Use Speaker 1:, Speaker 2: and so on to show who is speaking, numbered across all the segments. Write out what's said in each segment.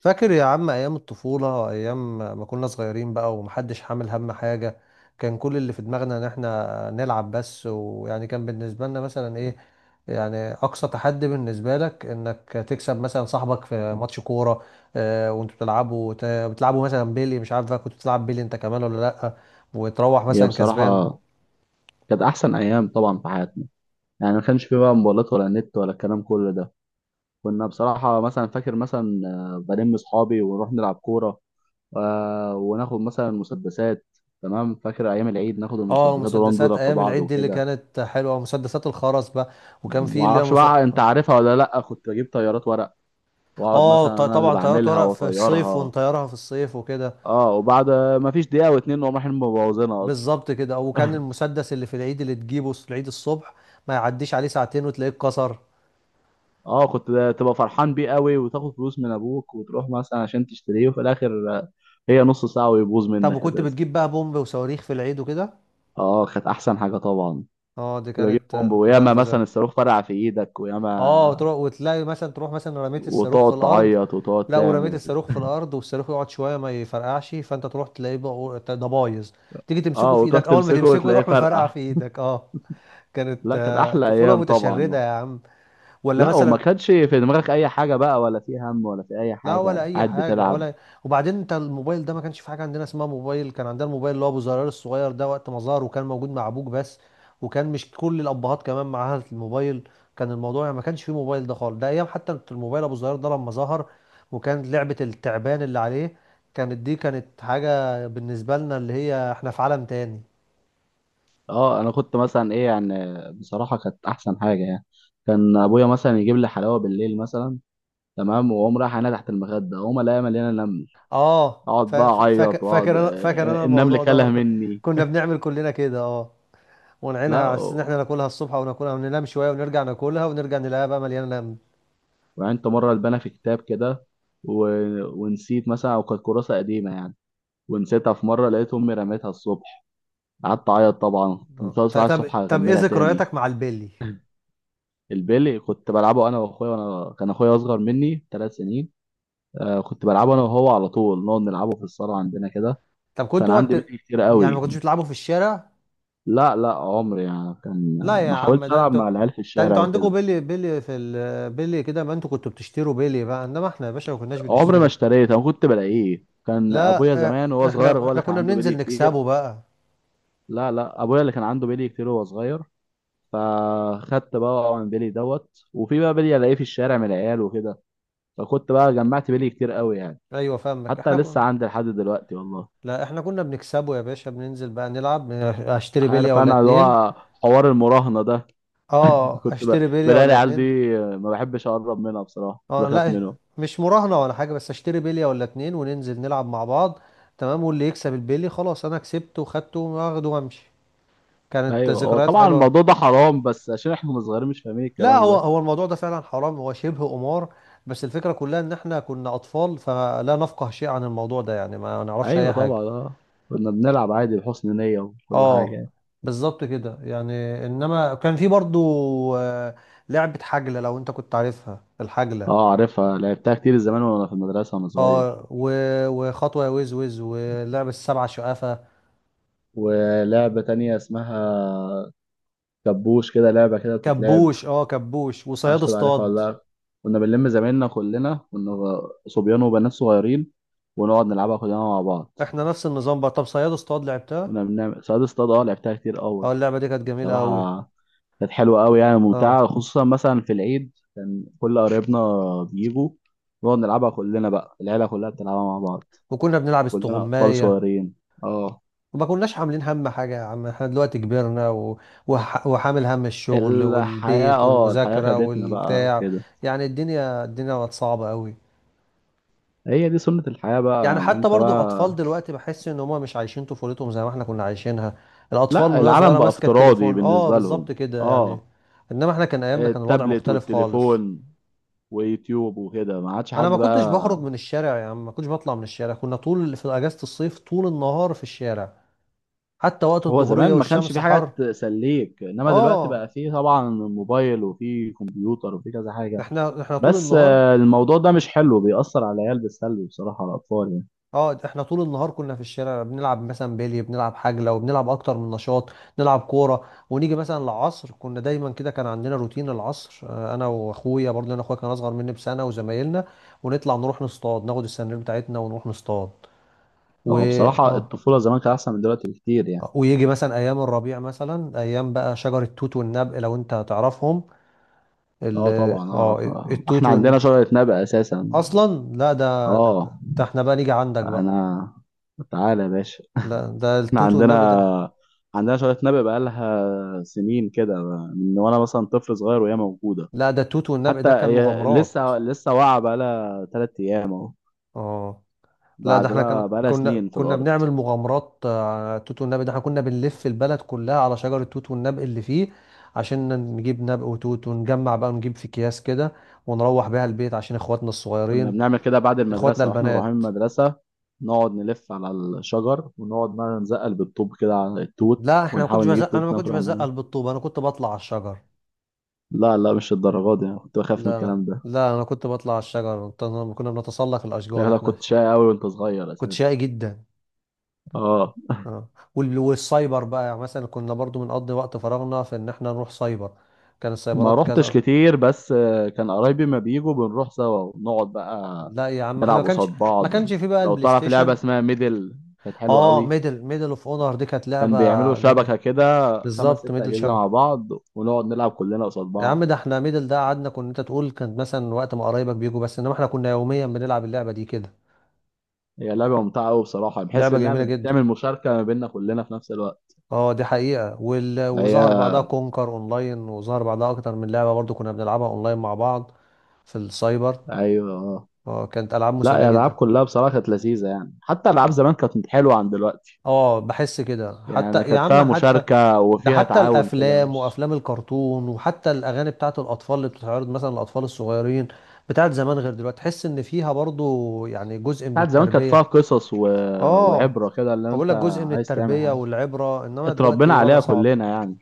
Speaker 1: فاكر يا عم ايام الطفوله، وايام ما كنا صغيرين بقى ومحدش حامل هم حاجه. كان كل اللي في دماغنا ان احنا نلعب بس، ويعني كان بالنسبه لنا مثلا ايه. يعني اقصى تحدي بالنسبه لك انك تكسب مثلا صاحبك في ماتش كوره. آه، وانتوا بتلعبوا بتلعبوا مثلا بيلي. مش عارف بقى، كنت بتلعب بيلي انت كمان ولا لا؟ وتروح
Speaker 2: هي
Speaker 1: مثلا كسبان.
Speaker 2: بصراحة كانت أحسن أيام طبعا في حياتنا. يعني ما كانش في بقى موبايلات ولا نت ولا الكلام كل ده. كنا بصراحة مثلا فاكر مثلا بلم صحابي ونروح نلعب كورة. وناخد مثلا مسدسات. تمام، فاكر أيام العيد ناخد
Speaker 1: اه،
Speaker 2: المسدسات ونقعد
Speaker 1: مسدسات
Speaker 2: نضرب في
Speaker 1: ايام
Speaker 2: بعض
Speaker 1: العيد دي اللي
Speaker 2: وكده.
Speaker 1: كانت حلوه، مسدسات الخرز بقى، وكان في
Speaker 2: ما
Speaker 1: اللي هي
Speaker 2: أعرفش
Speaker 1: مسدسات.
Speaker 2: بقى أنت عارفها ولا لأ، كنت بجيب طيارات ورق وأقعد مثلا أنا اللي
Speaker 1: طبعا طيارات
Speaker 2: بعملها
Speaker 1: ورق في الصيف،
Speaker 2: وأطيرها.
Speaker 1: ونطيرها في الصيف وكده.
Speaker 2: أه، وبعد ما فيش دقيقة واتنين وأقوم رايحين مبوظينها أصلا.
Speaker 1: بالظبط كده. وكان المسدس اللي في العيد، اللي تجيبه في العيد الصبح، ما يعديش عليه ساعتين وتلاقيه اتكسر.
Speaker 2: اه، كنت تبقى فرحان بيه قوي وتاخد فلوس من ابوك وتروح مثلا عشان تشتريه، وفي الاخر آه، هي نص ساعه ويبوظ
Speaker 1: طب،
Speaker 2: منك
Speaker 1: وكنت
Speaker 2: اساسا.
Speaker 1: بتجيب بقى بومب وصواريخ في العيد وكده؟
Speaker 2: اه، كانت احسن حاجه طبعا.
Speaker 1: اه، دي
Speaker 2: تبقى جيب
Speaker 1: كانت
Speaker 2: بومب،
Speaker 1: كانت ايام
Speaker 2: وياما مثلا
Speaker 1: فظيعه.
Speaker 2: الصاروخ فرقع في ايدك وياما
Speaker 1: اه، تروح وتلاقي مثلا، تروح مثلا، رميت الصاروخ في
Speaker 2: وتقعد
Speaker 1: الارض.
Speaker 2: تعيط وتقعد
Speaker 1: لا، ورميت
Speaker 2: تعمل.
Speaker 1: الصاروخ في الارض، والصاروخ يقعد شويه ما يفرقعش، فانت تروح تلاقيه بقى ده بايظ. تيجي
Speaker 2: اه،
Speaker 1: تمسكه في
Speaker 2: وتروح
Speaker 1: ايدك، اول ما
Speaker 2: تمسكه
Speaker 1: تمسكه
Speaker 2: وتلاقيه
Speaker 1: يروح مفرقع
Speaker 2: فرقع.
Speaker 1: في ايدك. اه. كانت
Speaker 2: لا، كانت احلى
Speaker 1: طفوله
Speaker 2: ايام طبعا.
Speaker 1: متشرده يا عم. ولا
Speaker 2: لا، وما
Speaker 1: مثلا.
Speaker 2: كانش في دماغك اي حاجه بقى ولا في هم ولا في اي
Speaker 1: لا ولا
Speaker 2: حاجه،
Speaker 1: اي
Speaker 2: قاعد
Speaker 1: حاجه
Speaker 2: بتلعب.
Speaker 1: ولا. وبعدين انت الموبايل ده، ما كانش في حاجه عندنا اسمها موبايل. كان عندنا الموبايل اللي هو ابو زرار الصغير ده، وقت ما ظهر، وكان موجود مع ابوك بس. وكان مش كل الابهات كمان معاها الموبايل. كان الموضوع يعني ما كانش فيه موبايل ده خالص. ده ايام حتى الموبايل ابو زرار ده لما ظهر وكان لعبه التعبان اللي عليه. دي كانت حاجه بالنسبه لنا، اللي هي احنا في عالم تاني.
Speaker 2: اه، انا كنت مثلا ايه يعني، بصراحه كانت احسن حاجه يعني. كان ابويا مثلا يجيب لي حلاوه بالليل مثلا، تمام، واقوم رايح انا تحت المخده اقوم الاقيها مليانه نمل.
Speaker 1: اه
Speaker 2: اقعد
Speaker 1: فا-
Speaker 2: بقى
Speaker 1: فا-
Speaker 2: اعيط
Speaker 1: فاكر
Speaker 2: واقعد
Speaker 1: فاكر انا فاكر انا
Speaker 2: النمل
Speaker 1: الموضوع ده
Speaker 2: كله
Speaker 1: برضه.
Speaker 2: مني.
Speaker 1: كنا بنعمل كلنا كده. اه
Speaker 2: لا،
Speaker 1: ونعينها على اساس ان احنا ناكلها الصبح، او ناكلها وننام شويه ونرجع ناكلها، ونرجع نلاقيها بقى مليانه لم.
Speaker 2: وعندت مره البانه في كتاب كده و... ونسيت مثلا، او كانت كراسه قديمه يعني، ونسيتها في مره لقيت امي رميتها الصبح. قعدت اعيط طبعا، كنت
Speaker 1: اه
Speaker 2: طالع
Speaker 1: ط-
Speaker 2: الساعه
Speaker 1: طب
Speaker 2: الصبح
Speaker 1: طب ايه
Speaker 2: اغملها تاني.
Speaker 1: ذكرياتك مع البيلي؟
Speaker 2: البيلي كنت بلعبه انا واخويا، وانا كان اخويا اصغر مني 3 سنين. كنت بلعبه انا وهو على طول، نقعد نلعبه في الصاله عندنا كده.
Speaker 1: طب كنت
Speaker 2: كان
Speaker 1: وقت
Speaker 2: عندي بيلي كتير
Speaker 1: يعني ما
Speaker 2: قوي.
Speaker 1: كنتوش بتلعبوا في الشارع؟
Speaker 2: لا لا، عمري يعني كان،
Speaker 1: لا يا
Speaker 2: ما
Speaker 1: عم،
Speaker 2: حاولتش
Speaker 1: ده
Speaker 2: العب
Speaker 1: انتوا
Speaker 2: مع العيال في
Speaker 1: ده
Speaker 2: الشارع
Speaker 1: انتوا عندكم
Speaker 2: وكده.
Speaker 1: بيلي، بيلي في بيلي كده، ما انتوا كنتوا بتشتروا بيلي بقى، انما احنا يا باشا ما كناش
Speaker 2: عمري ما
Speaker 1: بنشتري.
Speaker 2: اشتريت، انا كنت بلاقيه، كان
Speaker 1: لا،
Speaker 2: ابويا
Speaker 1: اه،
Speaker 2: زمان وهو صغير
Speaker 1: احنا
Speaker 2: هو
Speaker 1: احنا
Speaker 2: اللي كان
Speaker 1: كنا
Speaker 2: عنده بيلي
Speaker 1: بننزل
Speaker 2: كتير.
Speaker 1: نكسبه بقى.
Speaker 2: لا لا، ابويا اللي كان عنده بيلي كتير وهو صغير. فخدت بقى من بيلي دوت، وفي بقى بيلي الاقيه في الشارع من العيال وكده. فكنت بقى جمعت بيلي كتير قوي يعني.
Speaker 1: ايوه فاهمك،
Speaker 2: حتى
Speaker 1: احنا
Speaker 2: لسه
Speaker 1: كنا.
Speaker 2: عندي لحد دلوقتي والله.
Speaker 1: لا احنا كنا بنكسبه يا باشا، بننزل بقى نلعب، اشتري بليه
Speaker 2: عارف
Speaker 1: ولا
Speaker 2: انا اللي
Speaker 1: اتنين.
Speaker 2: هو حوار المراهنة ده.
Speaker 1: اه،
Speaker 2: كنت
Speaker 1: اشتري بليه
Speaker 2: بلاقي
Speaker 1: ولا
Speaker 2: العيال دي
Speaker 1: اتنين.
Speaker 2: ما بحبش اقرب منها، بصراحة كنت
Speaker 1: اه
Speaker 2: بخاف
Speaker 1: لا،
Speaker 2: منهم.
Speaker 1: مش مراهنة ولا حاجة، بس اشتري بلية ولا اتنين وننزل نلعب مع بعض. تمام، واللي يكسب البلي خلاص، انا كسبته وخدته واخده وامشي. كانت
Speaker 2: ايوه، هو
Speaker 1: ذكريات
Speaker 2: طبعا
Speaker 1: حلوة.
Speaker 2: الموضوع ده حرام، بس عشان احنا كنا صغيرين مش فاهمين
Speaker 1: لا،
Speaker 2: الكلام
Speaker 1: هو
Speaker 2: ده.
Speaker 1: هو الموضوع ده فعلا حرام، هو شبه قمار. بس الفكرة كلها ان احنا كنا اطفال، فلا نفقه شيء عن الموضوع ده، يعني ما نعرفش اي
Speaker 2: ايوه
Speaker 1: حاجة.
Speaker 2: طبعا، اه كنا بنلعب عادي بحسن نية وكل حاجة
Speaker 1: اه
Speaker 2: يعني.
Speaker 1: بالظبط كده يعني، انما كان في برضو آه، لعبة حجلة، لو انت كنت عارفها، الحجلة.
Speaker 2: اه، عارفها، لعبتها كتير زمان وانا في المدرسة وانا صغير.
Speaker 1: وخطوة يا وز وز، ولعبة السبعة شقافة.
Speaker 2: ولعبة تانية اسمها كبوش كده، لعبة كده بتتلعب.
Speaker 1: كبوش. اه كبوش وصياد
Speaker 2: معرفش تبقى عارفها ولا
Speaker 1: اصطاد.
Speaker 2: لا. كنا بنلم زمايلنا كلنا، كنا صبيان وبنات صغيرين، ونقعد نلعبها كلنا مع بعض.
Speaker 1: احنا نفس النظام بقى. طب، صياد اصطاد لعبتها.
Speaker 2: كنا بنعمل صياد اصطاد، اه لعبتها كتير
Speaker 1: اه،
Speaker 2: قوي.
Speaker 1: اللعبه دي كانت جميله قوي.
Speaker 2: بصراحة كانت حلوة أوي يعني،
Speaker 1: اه،
Speaker 2: ممتعة خصوصا مثلا في العيد كان كل قرايبنا بيجوا، نقعد نلعبها كلنا بقى، العيلة كلها بتلعبها مع بعض،
Speaker 1: وكنا بنلعب
Speaker 2: كلنا أطفال
Speaker 1: استغمايه.
Speaker 2: صغيرين. اه،
Speaker 1: وما كناش عاملين هم حاجه يا عم. احنا دلوقتي كبرنا، وحامل هم الشغل والبيت
Speaker 2: الحياة
Speaker 1: والمذاكره
Speaker 2: خدتنا بقى
Speaker 1: والبتاع.
Speaker 2: وكده.
Speaker 1: يعني الدنيا بقت صعبه قوي.
Speaker 2: هي دي سنة الحياة بقى،
Speaker 1: يعني
Speaker 2: يعني
Speaker 1: حتى
Speaker 2: انت
Speaker 1: برضو الاطفال
Speaker 2: بقى.
Speaker 1: دلوقتي، بحس ان هم مش عايشين طفولتهم زي ما احنا كنا عايشينها. الاطفال من
Speaker 2: لا،
Speaker 1: وهي
Speaker 2: العالم
Speaker 1: صغيره
Speaker 2: بقى
Speaker 1: ماسكه
Speaker 2: افتراضي
Speaker 1: التليفون. اه،
Speaker 2: بالنسبة لهم.
Speaker 1: بالظبط كده يعني.
Speaker 2: اه،
Speaker 1: انما احنا، كان ايامنا كان الوضع
Speaker 2: التابلت
Speaker 1: مختلف خالص.
Speaker 2: والتليفون ويوتيوب وكده، ما عادش
Speaker 1: انا ما
Speaker 2: حد
Speaker 1: كنتش بخرج
Speaker 2: بقى.
Speaker 1: من الشارع يا عم، ما كنتش بطلع من الشارع. كنا طول في اجازة الصيف طول النهار في الشارع. حتى وقت
Speaker 2: هو
Speaker 1: الظهرية
Speaker 2: زمان ما كانش
Speaker 1: والشمس
Speaker 2: في حاجة
Speaker 1: حر.
Speaker 2: تسليك، انما دلوقتي
Speaker 1: اه
Speaker 2: بقى فيه طبعا موبايل وفيه كمبيوتر وفيه كذا حاجة.
Speaker 1: احنا طول
Speaker 2: بس
Speaker 1: النهار.
Speaker 2: الموضوع ده مش حلو بيأثر على العيال بالسلب، بصراحة على الأطفال يعني.
Speaker 1: اه، احنا طول النهار كنا في الشارع، بنلعب مثلا بيلي، بنلعب حجلة، وبنلعب اكتر من نشاط. نلعب كورة ونيجي مثلا العصر. كنا دايما كده، كان عندنا روتين العصر. انا واخويا برضه، انا اخويا كان اصغر مني بسنة، وزمايلنا. ونطلع نروح نصطاد، ناخد السنارير بتاعتنا ونروح نصطاد و
Speaker 2: هو بصراحة
Speaker 1: اه
Speaker 2: الطفولة زمان كانت أحسن من دلوقتي بكتير يعني.
Speaker 1: ويجي مثلا ايام الربيع، مثلا ايام بقى شجر التوت والنبق، لو انت تعرفهم. ال-
Speaker 2: اه طبعا
Speaker 1: اه
Speaker 2: اعرف،
Speaker 1: التوت
Speaker 2: احنا عندنا شجرة نبق اساسا.
Speaker 1: اصلا. لا ده ده.
Speaker 2: اه
Speaker 1: ده احنا بقى نيجي عندك بقى.
Speaker 2: انا، تعالى يا باشا.
Speaker 1: لا ده
Speaker 2: احنا
Speaker 1: التوت والنبق ده.
Speaker 2: عندنا، عندنا شجرة نبق بقالها سنين كده، من وانا مثلا طفل صغير وهي موجودة.
Speaker 1: لا ده التوت والنبق
Speaker 2: حتى
Speaker 1: ده كان
Speaker 2: هي
Speaker 1: مغامرات.
Speaker 2: لسه لسه واقعة بقالها 3 أيام أهو،
Speaker 1: اه لا، ده
Speaker 2: بعد
Speaker 1: احنا كان
Speaker 2: بقى بقالها
Speaker 1: كنا
Speaker 2: سنين في
Speaker 1: كنا
Speaker 2: الأرض.
Speaker 1: بنعمل مغامرات، على التوت والنبق ده. احنا كنا بنلف البلد كلها على شجر التوت والنبق اللي فيه، عشان نجيب نبق وتوت ونجمع بقى، ونجيب في اكياس كده، ونروح بيها البيت عشان اخواتنا
Speaker 2: كنا
Speaker 1: الصغيرين،
Speaker 2: بنعمل كده بعد
Speaker 1: اخواتنا
Speaker 2: المدرسة واحنا مروحين من
Speaker 1: البنات.
Speaker 2: المدرسة، نقعد نلف على الشجر ونقعد بقى نزقل بالطوب كده على التوت،
Speaker 1: لا احنا ما كنتش
Speaker 2: ونحاول نجيب
Speaker 1: بزق، انا ما
Speaker 2: توت
Speaker 1: كنتش
Speaker 2: ناكله احنا منه.
Speaker 1: بزقل بالطوبة، انا كنت بطلع على الشجر.
Speaker 2: لا لا، مش الدرجات دي، أنا كنت بخاف من
Speaker 1: لا، لا،
Speaker 2: الكلام ده.
Speaker 1: لا، انا كنت بطلع على الشجر. كنا بنتسلق الاشجار
Speaker 2: شكلك
Speaker 1: احنا.
Speaker 2: كنت شقي قوي وانت صغير
Speaker 1: كنت
Speaker 2: اساسا.
Speaker 1: شقي جدا.
Speaker 2: اه،
Speaker 1: اه والسايبر بقى يعني، مثلا كنا برضو بنقضي وقت فراغنا في ان احنا نروح سايبر. كان
Speaker 2: ما
Speaker 1: السايبرات
Speaker 2: روحتش
Speaker 1: كذا.
Speaker 2: كتير، بس كان قرايبي ما بيجوا بنروح سوا ونقعد بقى
Speaker 1: لا يا عم، احنا ما
Speaker 2: نلعب قصاد
Speaker 1: كانش ما
Speaker 2: بعض.
Speaker 1: كانش في بقى
Speaker 2: لو
Speaker 1: البلاي
Speaker 2: تعرف لعبة
Speaker 1: ستيشن.
Speaker 2: اسمها ميدل، كانت حلوة
Speaker 1: اه،
Speaker 2: قوي.
Speaker 1: ميدل، ميدل اوف اونر دي كانت لعبة
Speaker 2: كان بيعملوا
Speaker 1: جميلة.
Speaker 2: شبكة كده خمس
Speaker 1: بالظبط،
Speaker 2: ست
Speaker 1: ميدل
Speaker 2: أجهزة مع
Speaker 1: شبكة.
Speaker 2: بعض، ونقعد نلعب كلنا قصاد
Speaker 1: يا عم
Speaker 2: بعض.
Speaker 1: ده احنا ميدل ده قعدنا، كنا، انت تقول كان مثلا وقت ما قرايبك بيجوا بس، انما احنا كنا يوميا بنلعب اللعبة دي كده.
Speaker 2: هي لعبة ممتعة أوي بصراحة، بحس
Speaker 1: لعبة
Speaker 2: إنها
Speaker 1: جميلة جدا.
Speaker 2: بتعمل مشاركة ما بيننا كلنا في نفس الوقت.
Speaker 1: اه دي حقيقة.
Speaker 2: هي
Speaker 1: وظهر بعدها كونكر اونلاين، وظهر بعدها اكتر من لعبة برضو كنا بنلعبها اونلاين مع بعض في السايبر.
Speaker 2: أيوه أه.
Speaker 1: اه كانت العاب
Speaker 2: لا
Speaker 1: مسلية
Speaker 2: يا، الألعاب
Speaker 1: جدا.
Speaker 2: كلها بصراحة كانت لذيذة يعني، حتى ألعاب زمان كانت حلوة عن دلوقتي.
Speaker 1: اه بحس كده، حتى
Speaker 2: يعني
Speaker 1: يا
Speaker 2: كانت
Speaker 1: عم،
Speaker 2: فيها
Speaker 1: حتى
Speaker 2: مشاركة
Speaker 1: ده
Speaker 2: وفيها
Speaker 1: حتى
Speaker 2: تعاون كده،
Speaker 1: الافلام
Speaker 2: مش
Speaker 1: وافلام الكرتون وحتى الاغاني بتاعت الاطفال اللي بتتعرض مثلا للاطفال الصغيرين بتاعت زمان غير دلوقتي، تحس ان فيها برضو يعني جزء من
Speaker 2: بتاعت زمان كانت
Speaker 1: التربية.
Speaker 2: فيها قصص
Speaker 1: اه،
Speaker 2: وعبرة كده، اللي
Speaker 1: بقول
Speaker 2: أنت
Speaker 1: لك جزء من
Speaker 2: عايز تعمل
Speaker 1: التربية
Speaker 2: حاجة
Speaker 1: والعبرة، انما دلوقتي
Speaker 2: اتربينا
Speaker 1: الوضع
Speaker 2: عليها
Speaker 1: صعب.
Speaker 2: كلنا يعني.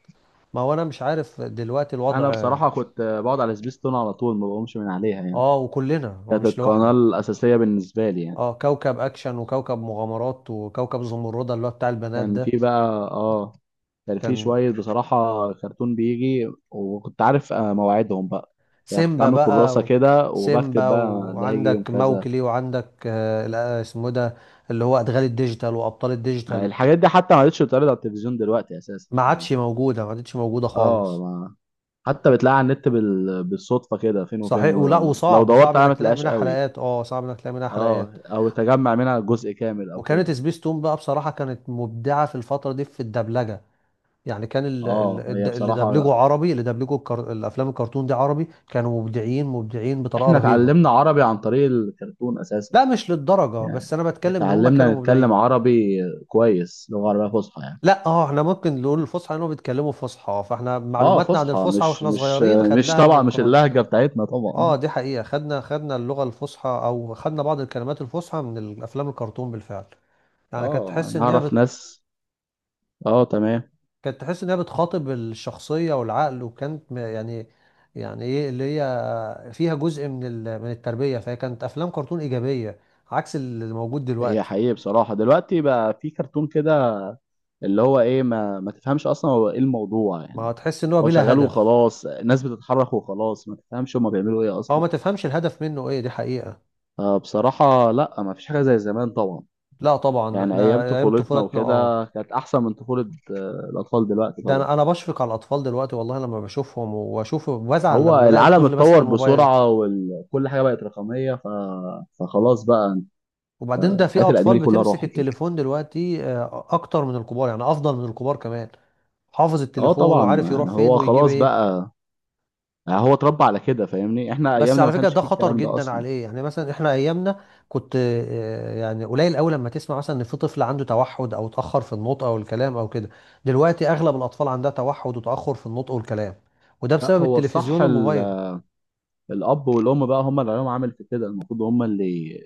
Speaker 1: ما هو انا مش عارف دلوقتي
Speaker 2: أنا
Speaker 1: الوضع.
Speaker 2: بصراحة كنت بقعد على سبيستون على طول ما بقومش من عليها يعني،
Speaker 1: اه وكلنا، هو
Speaker 2: كانت
Speaker 1: مش
Speaker 2: القناة
Speaker 1: لوحدك.
Speaker 2: الأساسية بالنسبة لي يعني.
Speaker 1: اه، كوكب اكشن، وكوكب مغامرات، وكوكب زمردة اللي هو بتاع البنات
Speaker 2: كان
Speaker 1: ده.
Speaker 2: في بقى، اه كان في
Speaker 1: كان
Speaker 2: شوية بصراحة كرتون بيجي وكنت عارف مواعيدهم بقى. يعني كنت
Speaker 1: سيمبا
Speaker 2: عامل
Speaker 1: بقى
Speaker 2: كراسة كده وبكتب
Speaker 1: سيمبا،
Speaker 2: بقى ده هيجي يوم
Speaker 1: وعندك
Speaker 2: كذا.
Speaker 1: موكلي، وعندك، آه لا، اسمه ده اللي هو ادغال الديجيتال، وابطال
Speaker 2: يعني
Speaker 1: الديجيتال.
Speaker 2: الحاجات دي حتى ما عادتش بتتعرض على التلفزيون دلوقتي أساسا
Speaker 1: ما
Speaker 2: يعني.
Speaker 1: عادش موجوده، ما عادتش موجوده
Speaker 2: اه،
Speaker 1: خالص.
Speaker 2: ما حتى بتلاقي على النت بالصدفة كده فين وفين.
Speaker 1: صحيح، ولا
Speaker 2: لو
Speaker 1: وصعب،
Speaker 2: دورت
Speaker 1: وصعب
Speaker 2: عليها
Speaker 1: انك
Speaker 2: ما
Speaker 1: تلاقي
Speaker 2: تلاقيهاش
Speaker 1: منها
Speaker 2: قوي،
Speaker 1: حلقات. اه صعب انك تلاقي منها
Speaker 2: اه
Speaker 1: حلقات.
Speaker 2: او تجمع منها جزء كامل او كده.
Speaker 1: وكانت سبيس تون بقى بصراحه كانت مبدعه في الفتره دي في الدبلجه. يعني كان
Speaker 2: اه، هي
Speaker 1: اللي
Speaker 2: بصراحة
Speaker 1: دبلجه عربي، الافلام الكرتون دي عربي كانوا مبدعين مبدعين بطريقه
Speaker 2: احنا
Speaker 1: رهيبه.
Speaker 2: اتعلمنا عربي عن طريق الكرتون أساسا،
Speaker 1: لا مش للدرجه، بس
Speaker 2: يعني
Speaker 1: انا بتكلم ان هم
Speaker 2: اتعلمنا
Speaker 1: كانوا
Speaker 2: نتكلم
Speaker 1: مبدعين.
Speaker 2: عربي كويس، لغة عربية فصحى يعني.
Speaker 1: لا، اه، احنا ممكن نقول الفصحى لانهم بيتكلموا فصحى، فاحنا
Speaker 2: اه،
Speaker 1: معلوماتنا عن
Speaker 2: فصحى،
Speaker 1: الفصحى
Speaker 2: مش
Speaker 1: واحنا
Speaker 2: مش
Speaker 1: صغيرين
Speaker 2: مش
Speaker 1: خدناها من
Speaker 2: طبعا مش
Speaker 1: القناه دي.
Speaker 2: اللهجة بتاعتنا طبعا.
Speaker 1: اه دي حقيقه، خدنا اللغه الفصحى، او خدنا بعض الكلمات الفصحى من الافلام الكرتون بالفعل. يعني كانت
Speaker 2: اه
Speaker 1: تحس
Speaker 2: انا
Speaker 1: ان هي
Speaker 2: اعرف ناس. اه تمام.
Speaker 1: كانت تحس انها بتخاطب الشخصيه والعقل، يعني. يعني ايه، اللي هي فيها جزء من من التربيه، فهي كانت افلام كرتون ايجابيه عكس اللي موجود
Speaker 2: هي
Speaker 1: دلوقتي.
Speaker 2: حقيقي بصراحة دلوقتي بقى في كرتون كده، اللي هو ايه ما تفهمش اصلا هو ايه الموضوع
Speaker 1: ما
Speaker 2: يعني.
Speaker 1: هو تحس ان هو
Speaker 2: هو
Speaker 1: بلا
Speaker 2: شغال
Speaker 1: هدف.
Speaker 2: وخلاص، الناس بتتحرك وخلاص، ما تفهمش هما بيعملوا ايه
Speaker 1: هو ما
Speaker 2: اصلا.
Speaker 1: تفهمش الهدف منه ايه، دي حقيقه.
Speaker 2: فبصراحة لا، ما فيش حاجة زي زمان طبعا.
Speaker 1: لا طبعا،
Speaker 2: يعني
Speaker 1: احنا
Speaker 2: ايام
Speaker 1: ايام
Speaker 2: طفولتنا
Speaker 1: طفولتنا. اه.
Speaker 2: وكده كانت احسن من طفولة الاطفال دلوقتي
Speaker 1: ده
Speaker 2: طبعا.
Speaker 1: انا بشفق على الاطفال دلوقتي والله، لما بشوفهم واشوف بزعل
Speaker 2: هو
Speaker 1: لما بلاقي
Speaker 2: العالم
Speaker 1: الطفل ماسك
Speaker 2: اتطور
Speaker 1: الموبايل.
Speaker 2: بسرعة وكل حاجة بقت رقمية فخلاص بقى،
Speaker 1: وبعدين ده في
Speaker 2: الحاجات القديمة
Speaker 1: اطفال
Speaker 2: دي كلها
Speaker 1: بتمسك
Speaker 2: راحت يعني.
Speaker 1: التليفون دلوقتي، اكتر من الكبار، يعني افضل من الكبار كمان. حافظ
Speaker 2: اه
Speaker 1: التليفون،
Speaker 2: طبعا،
Speaker 1: وعارف يروح
Speaker 2: يعني
Speaker 1: فين
Speaker 2: هو
Speaker 1: ويجيب
Speaker 2: خلاص
Speaker 1: ايه.
Speaker 2: بقى، يعني هو اتربى على كده فاهمني، احنا
Speaker 1: بس
Speaker 2: ايامنا ما
Speaker 1: على فكره
Speaker 2: كانش
Speaker 1: ده
Speaker 2: فيه
Speaker 1: خطر
Speaker 2: الكلام ده
Speaker 1: جدا
Speaker 2: اصلا.
Speaker 1: عليه، يعني مثلا احنا ايامنا، كنت، يعني قليل قوي لما تسمع مثلا ان في طفل عنده توحد، او اتاخر في النطق او الكلام او كده. دلوقتي اغلب الاطفال عندها توحد وتاخر في النطق والكلام، وده
Speaker 2: لا،
Speaker 1: بسبب
Speaker 2: هو
Speaker 1: التلفزيون
Speaker 2: الصح
Speaker 1: والموبايل.
Speaker 2: الاب والام بقى هم اللي عليهم عامل في كده، المفروض هم اللي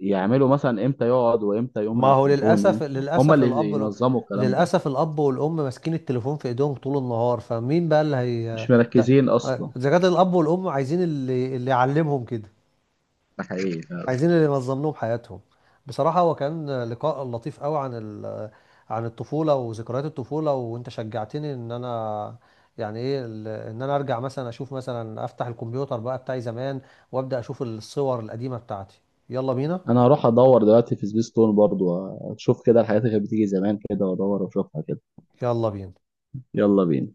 Speaker 2: يعملوا مثلا امتى يقعد وامتى يقوم من
Speaker 1: ما
Speaker 2: على
Speaker 1: هو
Speaker 2: التليفون،
Speaker 1: للاسف
Speaker 2: امتى هم
Speaker 1: للاسف
Speaker 2: اللي
Speaker 1: الاب
Speaker 2: ينظموا الكلام ده.
Speaker 1: للاسف الاب والام ماسكين التليفون في ايديهم طول النهار، فمين بقى اللي هي
Speaker 2: مش
Speaker 1: ده.
Speaker 2: مركزين اصلا.
Speaker 1: اذا كان الاب والام عايزين اللي يعلمهم كده،
Speaker 2: ده حقيقي فعلا.
Speaker 1: عايزين اللي ينظم لهم حياتهم. بصراحة هو كان لقاء لطيف قوي عن عن الطفولة وذكريات الطفولة، وانت شجعتني ان انا، يعني ايه ان انا ارجع مثلا، اشوف مثلا افتح الكمبيوتر بقى بتاعي زمان، وابدأ اشوف الصور القديمة بتاعتي. يلا بينا.
Speaker 2: انا هروح ادور دلوقتي في سبيس تون برضو، اشوف كده الحاجات اللي كانت بتيجي زمان كده وادور واشوفها كده.
Speaker 1: يلا بينا.
Speaker 2: يلا بينا.